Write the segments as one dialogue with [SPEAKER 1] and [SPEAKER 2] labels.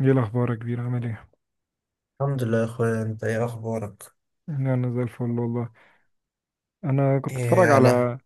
[SPEAKER 1] ايه الاخبار يا كبير؟ عامل ايه؟
[SPEAKER 2] الحمد لله يا اخويا، انت ايه اخبارك؟
[SPEAKER 1] انا زي الفل والله. انا كنت اتفرج
[SPEAKER 2] ايه انا؟
[SPEAKER 1] على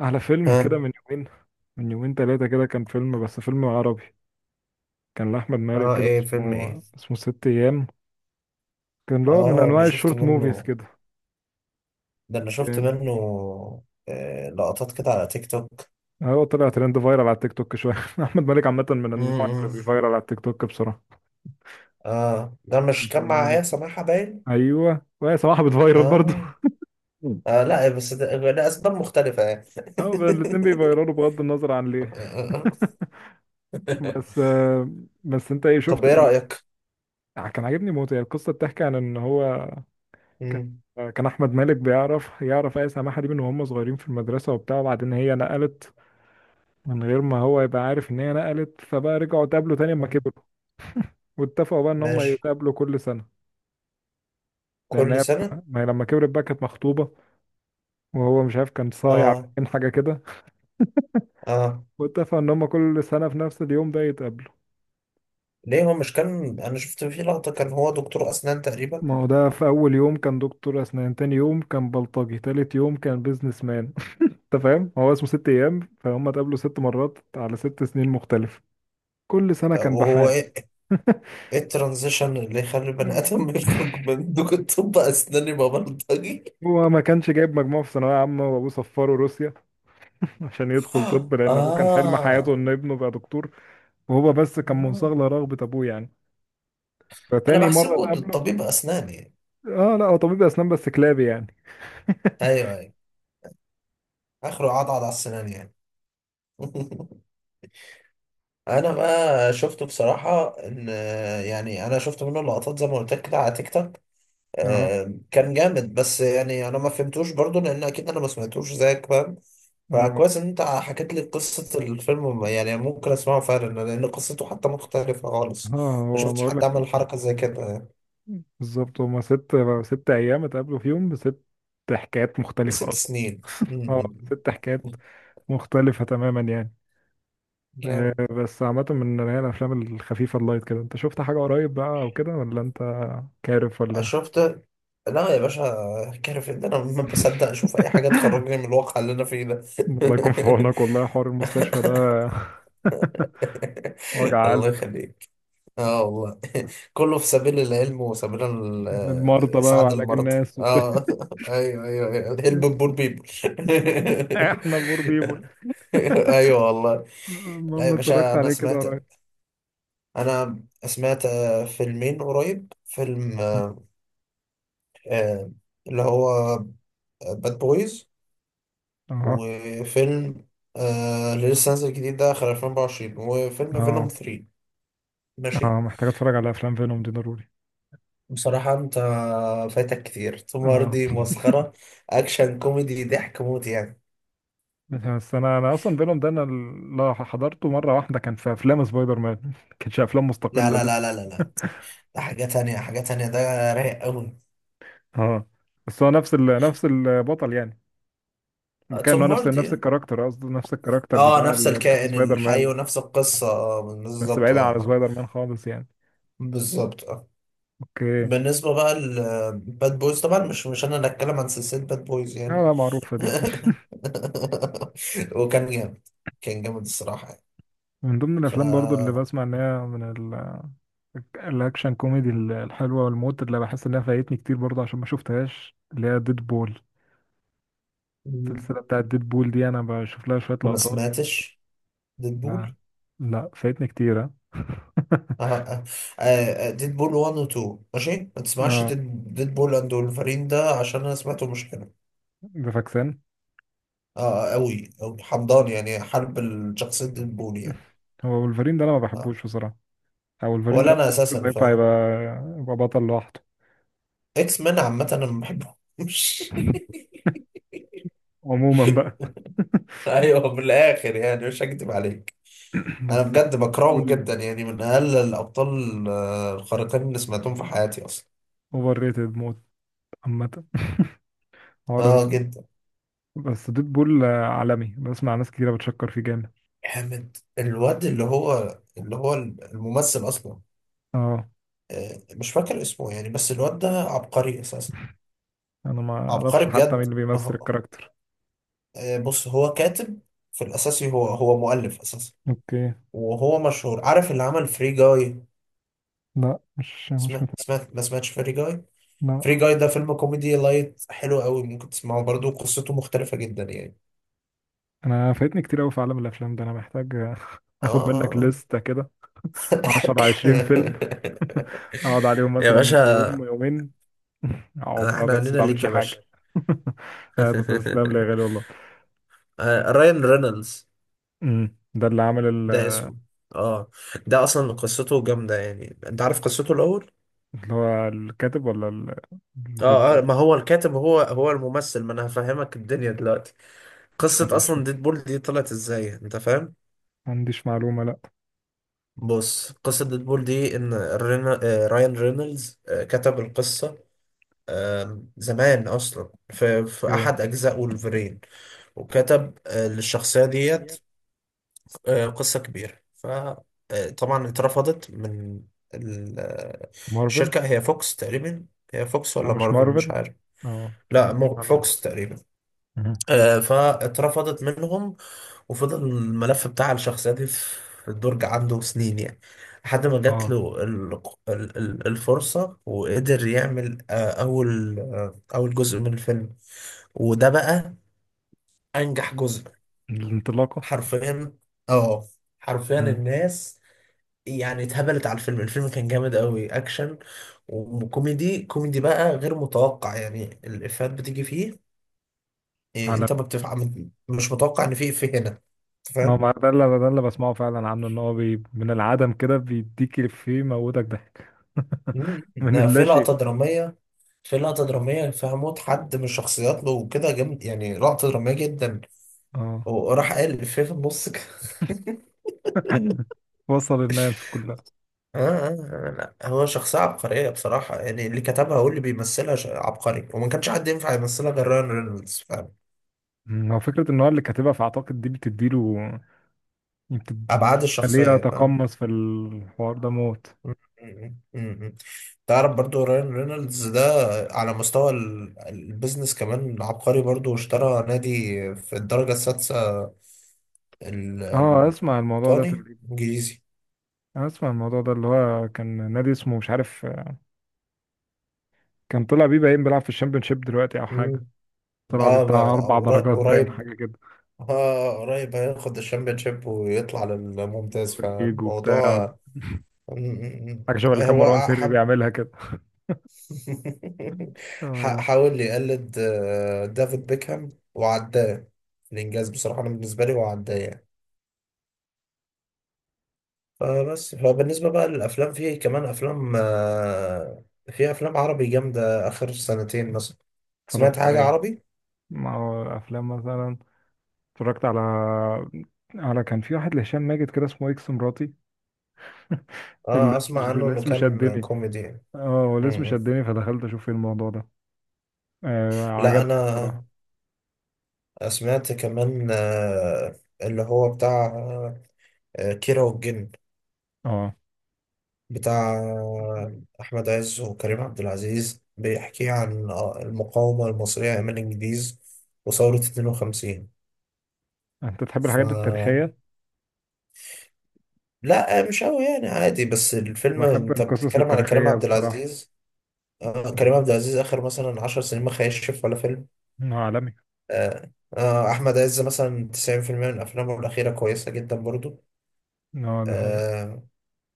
[SPEAKER 1] فيلم
[SPEAKER 2] ها.
[SPEAKER 1] كده من يومين. من يومين ثلاثه كده، كان فيلم، بس فيلم عربي. كان لاحمد مالك
[SPEAKER 2] اه،
[SPEAKER 1] كده،
[SPEAKER 2] ايه فيلم ايه؟
[SPEAKER 1] اسمه ست ايام. كان اللي هو من
[SPEAKER 2] اه، انا
[SPEAKER 1] انواع
[SPEAKER 2] شفت
[SPEAKER 1] الشورت موفيز
[SPEAKER 2] منه.
[SPEAKER 1] كده
[SPEAKER 2] ده انا شفت
[SPEAKER 1] يعني.
[SPEAKER 2] منه. لقطات كده على تيك توك.
[SPEAKER 1] هو طلع ترند فايرال على التيك توك شويه. احمد مالك عامه من النوع اللي
[SPEAKER 2] امم
[SPEAKER 1] بيفايرال على التيك توك بسرعه.
[SPEAKER 2] اه، ده مش كان
[SPEAKER 1] أحمد
[SPEAKER 2] مع
[SPEAKER 1] مالك،
[SPEAKER 2] ايه سماحة باين؟
[SPEAKER 1] ايوه، وهي صراحه بتفايرال برضه.
[SPEAKER 2] اه. اه، لا بس ده اسباب مختلفة يعني.
[SPEAKER 1] اه، الاتنين بيفايرالوا بغض النظر عن ليه. بس آه، بس انت ايه
[SPEAKER 2] طب
[SPEAKER 1] شفت؟
[SPEAKER 2] ايه رأيك؟
[SPEAKER 1] يعني كان عاجبني موت. هي القصه بتحكي عن ان هو كان
[SPEAKER 2] مم.
[SPEAKER 1] كان احمد مالك بيعرف ايه سماحه دي من وهم صغيرين في المدرسه وبتاع، وبعدين هي نقلت من غير ما هو يبقى عارف ان هي نقلت، فبقى رجعوا اتقابلوا تاني لما كبروا، واتفقوا بقى ان هم
[SPEAKER 2] ماشي،
[SPEAKER 1] يتقابلوا كل سنه. لان
[SPEAKER 2] كل
[SPEAKER 1] هي
[SPEAKER 2] سنة.
[SPEAKER 1] ما هي لما كبرت بقى كانت مخطوبه، وهو مش عارف، كان صايع ولا
[SPEAKER 2] اه.
[SPEAKER 1] كان حاجه كده.
[SPEAKER 2] اه،
[SPEAKER 1] واتفقوا ان هم كل سنه في نفس اليوم ده يتقابلوا.
[SPEAKER 2] ليه، هو مش كان، انا شفت فيه لقطة، كان هو دكتور اسنان تقريبا.
[SPEAKER 1] ما هو ده في اول يوم كان دكتور اسنان، تاني يوم كان بلطجي، تالت يوم كان بيزنس مان. انت فاهم؟ هو اسمه ست ايام، فهم اتقابلوا 6 مرات على 6 سنين مختلفة، كل سنة كان
[SPEAKER 2] وهو
[SPEAKER 1] بحال.
[SPEAKER 2] ايه؟ إيه الترانزيشن اللي يخلي بني
[SPEAKER 1] مم.
[SPEAKER 2] ادم يخرج من دوك الطب اسناني ببلطجي؟
[SPEAKER 1] هو ما كانش جايب مجموع في ثانوية عامة، وابوه سفره روسيا عشان يدخل طب، لان ابوه كان
[SPEAKER 2] اه.
[SPEAKER 1] حلم حياته ان ابنه يبقى دكتور. وهو بس كان
[SPEAKER 2] اه،
[SPEAKER 1] منصاغ لرغبة ابوه يعني.
[SPEAKER 2] انا
[SPEAKER 1] فتاني مرة
[SPEAKER 2] بحسبه ده
[SPEAKER 1] اتقابله،
[SPEAKER 2] الطبيب اسناني.
[SPEAKER 1] اه لا، هو طبيب اسنان بس كلابي يعني.
[SPEAKER 2] ايوه ايوه، اخره عضعض على السنان يعني. انا بقى شفته بصراحه، ان، يعني انا شفت منه لقطات زي ما قلت لك كده على تيك توك.
[SPEAKER 1] اه،
[SPEAKER 2] كان جامد، بس يعني انا ما فهمتوش برضو لان اكيد انا ما سمعتوش زيك، فاهم؟
[SPEAKER 1] اه،
[SPEAKER 2] فكويس ان انت حكيت لي قصة الفيلم، يعني ممكن اسمعه فعلا لان قصته حتى مختلفة خالص.
[SPEAKER 1] اه،
[SPEAKER 2] ما
[SPEAKER 1] هو
[SPEAKER 2] شفتش
[SPEAKER 1] بقول
[SPEAKER 2] حد عمل
[SPEAKER 1] لك
[SPEAKER 2] حركة زي كده.
[SPEAKER 1] بالظبط. هما ست، ست ايام اتقابلوا فيهم بست حكايات مختلفة
[SPEAKER 2] بست
[SPEAKER 1] اصلا.
[SPEAKER 2] سنين
[SPEAKER 1] اه، ست
[SPEAKER 2] م-
[SPEAKER 1] حكايات مختلفة تماما يعني. آه،
[SPEAKER 2] جامد.
[SPEAKER 1] بس عامة من اللي هي الأفلام الخفيفة اللايت كده، أنت شفت حاجة قريب بقى أو كده، ولا أنت كارف ولا إيه؟
[SPEAKER 2] شفت. لا يا باشا، كارف ان انا ما بصدق اشوف اي حاجة تخرجني من الواقع اللي انا فيه ده.
[SPEAKER 1] الله يكون في عونك والله، حوار المستشفى ده وجع
[SPEAKER 2] الله
[SPEAKER 1] قلب.
[SPEAKER 2] يخليك. اه والله. كله في سبيل العلم وسبيل
[SPEAKER 1] المرضى بقى
[SPEAKER 2] اسعاد
[SPEAKER 1] وعلاج
[SPEAKER 2] المرض.
[SPEAKER 1] الناس وبتاع.
[SPEAKER 2] اه. ايوه ايوه ايوه، هيلب بور بيبل.
[SPEAKER 1] احنا البور بيبول.
[SPEAKER 2] ايوه والله. لا
[SPEAKER 1] المهم،
[SPEAKER 2] يا باشا،
[SPEAKER 1] اتفرجت
[SPEAKER 2] انا
[SPEAKER 1] عليه كده
[SPEAKER 2] سمعت،
[SPEAKER 1] قريب.
[SPEAKER 2] فيلمين قريب، فيلم آه، اللي هو باد بويز،
[SPEAKER 1] اه،
[SPEAKER 2] وفيلم اللي لسه نازل جديد ده آخر 2024، وفيلم فينوم
[SPEAKER 1] اه،
[SPEAKER 2] 3.
[SPEAKER 1] اه،
[SPEAKER 2] ماشي.
[SPEAKER 1] محتاج اتفرج على افلام فينوم دي ضروري.
[SPEAKER 2] بصراحة أنت فايتك كتير، توم
[SPEAKER 1] اه،
[SPEAKER 2] هاردي مسخرة، أكشن كوميدي، ضحك موت يعني.
[SPEAKER 1] بس انا اصلا فينوم ده، انا اللي حضرته مره واحده كان في افلام سبايدر مان. ما كانش افلام
[SPEAKER 2] لا
[SPEAKER 1] مستقله
[SPEAKER 2] لا لا
[SPEAKER 1] لسه.
[SPEAKER 2] لا لا لا، ده حاجة تانية، حاجة تانية ده، رايق أوي.
[SPEAKER 1] اه، بس هو نفس البطل يعني. كان
[SPEAKER 2] توم
[SPEAKER 1] هو نفس
[SPEAKER 2] هاردي.
[SPEAKER 1] نفس الكاركتر، قصدي نفس الكاركتر
[SPEAKER 2] اه،
[SPEAKER 1] بتاع
[SPEAKER 2] نفس
[SPEAKER 1] اللي كان في
[SPEAKER 2] الكائن
[SPEAKER 1] سبايدر
[SPEAKER 2] الحي
[SPEAKER 1] مان،
[SPEAKER 2] ونفس القصة،
[SPEAKER 1] بس
[SPEAKER 2] بالظبط، اه
[SPEAKER 1] بعيدا عن
[SPEAKER 2] آه.
[SPEAKER 1] سبايدر مان خالص يعني.
[SPEAKER 2] بالظبط، اه.
[SPEAKER 1] اوكي.
[SPEAKER 2] بالنسبة بقى لباد بويز، طبعا مش أنا اللي أتكلم عن سلسلة باد بويز
[SPEAKER 1] لا،
[SPEAKER 2] يعني.
[SPEAKER 1] لا، معروفه دي.
[SPEAKER 2] وكان جامد، كان جامد الصراحة يعني.
[SPEAKER 1] من ضمن
[SPEAKER 2] ف،
[SPEAKER 1] الافلام برضو اللي بسمع ان هي من ال... الاكشن كوميدي، الحلوه والموت، اللي بحس انها فايتني كتير برضو عشان ما شفتهاش، اللي هي ديد بول.
[SPEAKER 2] أنت
[SPEAKER 1] السلسله بتاعت ديد بول دي انا بشوف لها شويه
[SPEAKER 2] ما
[SPEAKER 1] لقطات.
[SPEAKER 2] سمعتش
[SPEAKER 1] لا،
[SPEAKER 2] ديدبول؟
[SPEAKER 1] لا، فايتني كتير. ها.
[SPEAKER 2] اه. اه، ديد بول 1 و 2 ماشي. ما تسمعش
[SPEAKER 1] اه،
[SPEAKER 2] ديد بول اند ولفرين ده، عشان انا سمعته مش حلو.
[SPEAKER 1] ده فاكسان.
[SPEAKER 2] اه، قوي قوي حمضان يعني، حرب الشخصية ديد بول يعني.
[SPEAKER 1] هو ولفرين ده انا ما
[SPEAKER 2] اه.
[SPEAKER 1] بحبوش بصراحه. او ولفرين ده
[SPEAKER 2] ولا
[SPEAKER 1] انا
[SPEAKER 2] انا
[SPEAKER 1] حاسس انه
[SPEAKER 2] اساسا
[SPEAKER 1] ينفع يبقى
[SPEAKER 2] فاهم
[SPEAKER 1] بطل لوحده.
[SPEAKER 2] اكس مان عامة، انا ما بحبهمش.
[SPEAKER 1] عموما بقى.
[SPEAKER 2] ايوه، من الاخر يعني مش هكدب عليك، انا
[SPEAKER 1] بس
[SPEAKER 2] بجد بكرههم
[SPEAKER 1] بول
[SPEAKER 2] جدا يعني، من اقل الابطال الخارقين اللي سمعتهم في حياتي اصلا.
[SPEAKER 1] اوفر ريتد موت عامه. حوار إن-
[SPEAKER 2] اه جدا.
[SPEAKER 1] بس ديد بول عالمي، بسمع ناس كتيره بتشكر فيه جامد.
[SPEAKER 2] حامد، الواد اللي هو الممثل اصلا،
[SPEAKER 1] اه،
[SPEAKER 2] مش فاكر اسمه يعني، بس الواد ده عبقري اساسا.
[SPEAKER 1] انا ما
[SPEAKER 2] عبقري
[SPEAKER 1] اعرفش حتى مين
[SPEAKER 2] بجد.
[SPEAKER 1] اللي بيمثل
[SPEAKER 2] آه،
[SPEAKER 1] الكاركتر.
[SPEAKER 2] بص، هو كاتب في الاساسي، هو هو مؤلف اساسا.
[SPEAKER 1] اوكي.
[SPEAKER 2] وهو مشهور، عارف اللي عمل فري جاي؟
[SPEAKER 1] لا، مش
[SPEAKER 2] سمعت
[SPEAKER 1] متابع.
[SPEAKER 2] سمعت ما سمعتش فري جاي. فري
[SPEAKER 1] لا،
[SPEAKER 2] جاي ده فيلم كوميدي لايت حلو قوي، ممكن تسمعه برضه، قصته مختلفة جدا يعني.
[SPEAKER 1] انا فايتني كتير قوي في عالم الافلام ده، انا محتاج
[SPEAKER 2] اه،
[SPEAKER 1] اخد منك
[SPEAKER 2] اه آه.
[SPEAKER 1] لستة كده، 10 20 فيلم. اقعد عليهم
[SPEAKER 2] يا
[SPEAKER 1] مثلا في يوم
[SPEAKER 2] باشا،
[SPEAKER 1] يومين. اقعد بقى،
[SPEAKER 2] احنا
[SPEAKER 1] بس ما
[SPEAKER 2] عنينا ليك
[SPEAKER 1] بعملش
[SPEAKER 2] يا باشا.
[SPEAKER 1] حاجة. تسلم لي يا غالي والله.
[SPEAKER 2] رايان رينولدز
[SPEAKER 1] ده اللي عامل
[SPEAKER 2] ده اسمه. اه. ده اصلا قصته جامده يعني، انت عارف قصته الاول؟
[SPEAKER 1] اللي هو الكاتب، ولا
[SPEAKER 2] اه، اه،
[SPEAKER 1] ديدبول؟
[SPEAKER 2] ما هو الكاتب، هو هو الممثل، ما انا هفهمك الدنيا دلوقتي.
[SPEAKER 1] ما
[SPEAKER 2] قصه
[SPEAKER 1] عنديش
[SPEAKER 2] اصلا
[SPEAKER 1] فكرة،
[SPEAKER 2] ديدبول دي طلعت ازاي، انت فاهم؟
[SPEAKER 1] ما عنديش معلومة، لا.
[SPEAKER 2] بص، قصه ديدبول دي ان رينا... آه، رايان رينولدز كتب القصه زمان اصلا، في
[SPEAKER 1] ايه؟
[SPEAKER 2] احد اجزاء ولفرين، وكتب للشخصيه ديت قصة كبيرة. فطبعا اترفضت من ال- آه،
[SPEAKER 1] مارفل.
[SPEAKER 2] الشركة، هي فوكس تقريبا. هي فوكس
[SPEAKER 1] هو
[SPEAKER 2] ولا
[SPEAKER 1] مش
[SPEAKER 2] مارفل، مش
[SPEAKER 1] مارفل.
[SPEAKER 2] عارف.
[SPEAKER 1] اه، ما
[SPEAKER 2] لا
[SPEAKER 1] عنديش معلومة.
[SPEAKER 2] فوكس تقريبا.
[SPEAKER 1] أها.
[SPEAKER 2] فاترفضت منهم، وفضل الملف بتاع الشخصية دي في الدرج عنده سنين يعني، لحد ما جات
[SPEAKER 1] اه،
[SPEAKER 2] له الفرصة، وقدر يعمل أول جزء من الفيلم. وده بقى أنجح جزء
[SPEAKER 1] الانطلاقة.
[SPEAKER 2] حرفيا. اه، حرفيا
[SPEAKER 1] أمم،
[SPEAKER 2] الناس يعني اتهبلت على الفيلم، الفيلم كان جامد قوي، اكشن وكوميدي. كوميدي بقى غير متوقع يعني، الافيهات بتيجي فيه، إيه
[SPEAKER 1] على
[SPEAKER 2] انت ما بتفع...، مش متوقع ان في افيه هنا، أنت
[SPEAKER 1] هو
[SPEAKER 2] فاهم؟
[SPEAKER 1] ما، ده اللي بسمعه فعلا عنه، ان هو من العدم كده بيديك الإفيه يموتك ضحك.
[SPEAKER 2] مم.
[SPEAKER 1] من
[SPEAKER 2] ده
[SPEAKER 1] اللا
[SPEAKER 2] في لقطة
[SPEAKER 1] شيء.
[SPEAKER 2] درامية، في لقطة درامية فيها موت حد من الشخصيات له وكده، جامد يعني، لقطة درامية جدا،
[SPEAKER 1] اه
[SPEAKER 2] وراح قال الافيه في النص كده.
[SPEAKER 1] وصل الناس كلها.
[SPEAKER 2] آه, آه, آه، لا هو شخصية عبقرية بصراحة يعني، اللي كتبها واللي بيمثلها عبقري، وما كانش حد ينفع يمثلها غير راyan رينولدز، فاهم
[SPEAKER 1] هو فكرة ان هو اللي كاتبها، فاعتقد دي بتديله،
[SPEAKER 2] أبعاد
[SPEAKER 1] بتخليه
[SPEAKER 2] الشخصية؟ فاهم.
[SPEAKER 1] يتقمص في الحوار ده موت.
[SPEAKER 2] مم، مم، مم. تعرف برضو راين رينولدز ده، على مستوى البيزنس كمان عبقري برضو، اشترى نادي في الدرجة السادسة، ال-
[SPEAKER 1] اه، اسمع الموضوع ده
[SPEAKER 2] البريطاني
[SPEAKER 1] تقريبا.
[SPEAKER 2] الإنجليزي.
[SPEAKER 1] اسمع الموضوع ده، اللي هو كان نادي اسمه مش عارف، كان طلع بيه باين بيلعب في الشامبيونشيب دلوقتي او حاجة.
[SPEAKER 2] مم.
[SPEAKER 1] طلع بيه
[SPEAKER 2] اه،
[SPEAKER 1] بتاع اربع درجات باين
[SPEAKER 2] قريب.
[SPEAKER 1] حاجة كده.
[SPEAKER 2] اه، قريب هياخد الشامبيونشيب ويطلع للممتاز،
[SPEAKER 1] بريمير ليج وبتاع،
[SPEAKER 2] فالموضوع. مم.
[SPEAKER 1] حاجة شبه اللي كان
[SPEAKER 2] هو
[SPEAKER 1] مروان سري
[SPEAKER 2] حب.
[SPEAKER 1] بيعملها. آه،
[SPEAKER 2] حاول يقلد دافيد بيكهام وعداه. الإنجاز بصراحة أنا بالنسبة لي هو عداه يعني. فبس، فبالنسبة بقى للأفلام، في كمان أفلام في أفلام عربي جامدة آخر سنتين مثلا. سمعت
[SPEAKER 1] اتفرجت على
[SPEAKER 2] حاجة
[SPEAKER 1] ايه؟
[SPEAKER 2] عربي؟
[SPEAKER 1] ما هو افلام مثلا، اتفرجت على كان في واحد لهشام ماجد كده اسمه اكس مراتي.
[SPEAKER 2] اه،
[SPEAKER 1] الاسم
[SPEAKER 2] أسمع عنه إنه
[SPEAKER 1] الاسم
[SPEAKER 2] كان
[SPEAKER 1] شدني،
[SPEAKER 2] كوميدي. م-.
[SPEAKER 1] اه. هو الاسم
[SPEAKER 2] م.
[SPEAKER 1] شدني، فدخلت اشوف ايه الموضوع ده.
[SPEAKER 2] لا
[SPEAKER 1] عجبني بصراحة.
[SPEAKER 2] أنا سمعت كمان اللي هو بتاع كيرة والجن،
[SPEAKER 1] اه،
[SPEAKER 2] بتاع أحمد عز وكريم عبد العزيز، بيحكي عن المقاومة المصرية أيام الإنجليز وثورة 52.
[SPEAKER 1] انت تحب
[SPEAKER 2] ف،
[SPEAKER 1] الحاجات التاريخية.
[SPEAKER 2] لا مش قوي يعني، عادي، بس الفيلم،
[SPEAKER 1] بحب
[SPEAKER 2] انت
[SPEAKER 1] القصص
[SPEAKER 2] بتتكلم على كريم
[SPEAKER 1] التاريخية
[SPEAKER 2] عبد
[SPEAKER 1] بصراحة.
[SPEAKER 2] العزيز، آه، كريم عبد العزيز اخر مثلا 10 سنين ما خيشش ولا فيلم.
[SPEAKER 1] انه عالمي.
[SPEAKER 2] آه، آه، احمد عز مثلا 90% من افلامه الاخيره كويسه جدا برضو.
[SPEAKER 1] اه، ده حقيقة.
[SPEAKER 2] آه.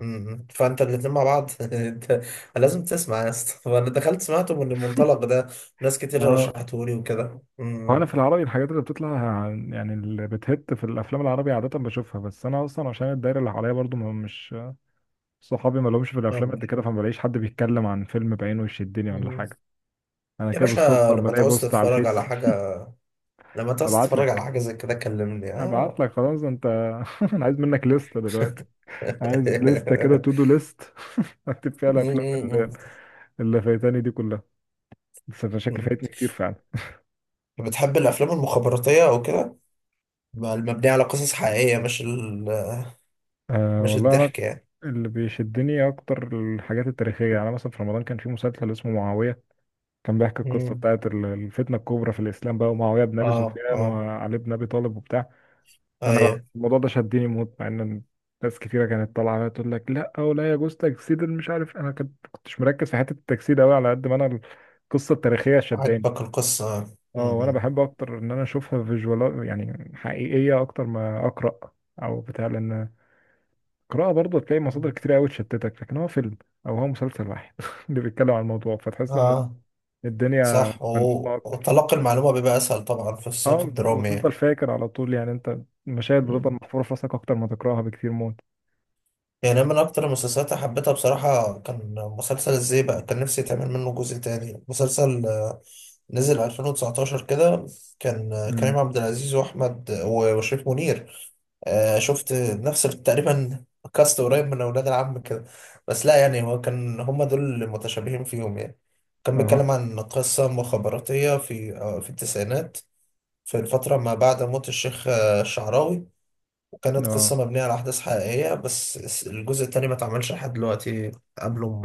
[SPEAKER 2] فانت الاتنين مع بعض انت لازم تسمع يا اسطى. فانا دخلت سمعته من المنطلق ده، ناس
[SPEAKER 1] ما
[SPEAKER 2] كتير
[SPEAKER 1] هو،
[SPEAKER 2] رشحتهولي وكده.
[SPEAKER 1] هو انا في العربي الحاجات اللي بتطلع يعني اللي بتهت في الافلام العربي عادة بشوفها، بس انا اصلا عشان الدايرة اللي حواليا برضو مش صحابي ما لهمش في الافلام قد
[SPEAKER 2] م-
[SPEAKER 1] كده، فما بلاقيش حد بيتكلم عن فيلم بعينه يشدني ولا
[SPEAKER 2] م.
[SPEAKER 1] حاجه. انا
[SPEAKER 2] يا
[SPEAKER 1] كده
[SPEAKER 2] باشا،
[SPEAKER 1] بالصدفه
[SPEAKER 2] لما
[SPEAKER 1] بلاقي
[SPEAKER 2] تعوز
[SPEAKER 1] بوست على
[SPEAKER 2] تتفرج على
[SPEAKER 1] الفيس.
[SPEAKER 2] حاجه لما تعوز
[SPEAKER 1] ابعت
[SPEAKER 2] تتفرج على
[SPEAKER 1] لك
[SPEAKER 2] حاجه زي كده كلمني.
[SPEAKER 1] ابعت
[SPEAKER 2] اه.
[SPEAKER 1] لك خلاص انت. انا عايز منك لستة دلوقتي، عايز لستة كده تو دو ليست. اكتب فيها الافلام
[SPEAKER 2] م-
[SPEAKER 1] اللي فايتاني دي كلها. بس انا شكلي
[SPEAKER 2] م-
[SPEAKER 1] فايتني كتير فعلا.
[SPEAKER 2] م. بتحب الافلام المخابراتيه او كده، المبنيه على قصص حقيقيه، مش ال...،
[SPEAKER 1] أه
[SPEAKER 2] مش
[SPEAKER 1] والله انا،
[SPEAKER 2] الضحك يعني؟
[SPEAKER 1] اللي بيشدني اكتر الحاجات التاريخيه يعني، أنا مثلا في رمضان كان في مسلسل اسمه معاويه، كان بيحكي القصه
[SPEAKER 2] م.
[SPEAKER 1] بتاعت الفتنه الكبرى في الاسلام بقى، ومعاويه بن ابي
[SPEAKER 2] اه
[SPEAKER 1] سفيان
[SPEAKER 2] اه
[SPEAKER 1] وعلي بن ابي طالب وبتاع. انا
[SPEAKER 2] ايوه،
[SPEAKER 1] الموضوع ده شدني موت، مع ان ناس كتيره كانت طالعه عليا تقول لك لا، او لا يجوز تجسيد، مش عارف، انا كنتش مركز في حته التجسيد قوي، على قد ما انا القصه التاريخيه شداني.
[SPEAKER 2] عجبك القصه.
[SPEAKER 1] اه، وانا بحب اكتر ان انا اشوفها فيجوال يعني حقيقيه، اكتر ما اقرا او بتاع، لان القراءه برضه تلاقي مصادر
[SPEAKER 2] م.
[SPEAKER 1] كتير قوي تشتتك، لكن هو فيلم او هو مسلسل واحد اللي بيتكلم عن الموضوع، فتحس ان
[SPEAKER 2] اه،
[SPEAKER 1] الدنيا
[SPEAKER 2] صح،
[SPEAKER 1] ملمومه اكتر.
[SPEAKER 2] وتلقي المعلومه بيبقى اسهل طبعا في السياق
[SPEAKER 1] اه،
[SPEAKER 2] الدرامي.
[SPEAKER 1] وتفضل فاكر على طول يعني، انت المشاهد بتفضل
[SPEAKER 2] يعني،
[SPEAKER 1] محفوره في راسك اكتر ما تقراها بكتير.
[SPEAKER 2] يعني أنا من أكتر المسلسلات اللي حبيتها بصراحة كان مسلسل إزاي، بقى كان نفسي يتعمل منه جزء تاني، مسلسل نزل 2019 كده، كان
[SPEAKER 1] موت.
[SPEAKER 2] كريم عبد العزيز وأحمد وشريف منير، شفت نفس تقريبا كاست قريب من أولاد العم كده. بس لا يعني، هو كان هما دول اللي متشابهين فيهم يعني، كان بيتكلم
[SPEAKER 1] اه،
[SPEAKER 2] عن قصة مخابراتية في في التسعينات، في الفترة ما بعد موت الشيخ الشعراوي. كانت
[SPEAKER 1] اه،
[SPEAKER 2] قصة مبنية على أحداث حقيقية، بس الجزء التاني ما اتعملش لحد دلوقتي،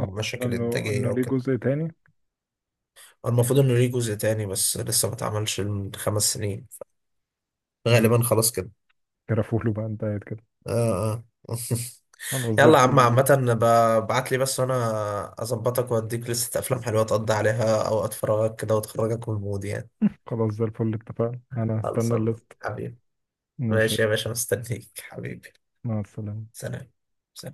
[SPEAKER 1] اه،
[SPEAKER 2] مشاكل
[SPEAKER 1] انه
[SPEAKER 2] إنتاجية
[SPEAKER 1] ليه
[SPEAKER 2] وكده.
[SPEAKER 1] جزء تاني؟
[SPEAKER 2] المفروض إنه ليه جزء تاني، بس لسه ما اتعملش من 5 سنين،
[SPEAKER 1] اه،
[SPEAKER 2] غالبا خلاص كده.
[SPEAKER 1] كرفوله بقى انت قاعد كده.
[SPEAKER 2] آه، آه.
[SPEAKER 1] خلاص، زي
[SPEAKER 2] يلا يا عم
[SPEAKER 1] الفل.
[SPEAKER 2] عامة، ابعت لي بس وأنا أظبطك وأديك لستة أفلام حلوة تقضي عليها أوقات فراغك كده وتخرجك من المود يعني.
[SPEAKER 1] خلاص، زي الفل، اتفقنا، انا هستنى
[SPEAKER 2] خلصان
[SPEAKER 1] الليست.
[SPEAKER 2] حبيبي.
[SPEAKER 1] ماشي.
[SPEAKER 2] ماشي يا باشا، مستنيك حبيبي.
[SPEAKER 1] مع السلامة.
[SPEAKER 2] سلام. سلام.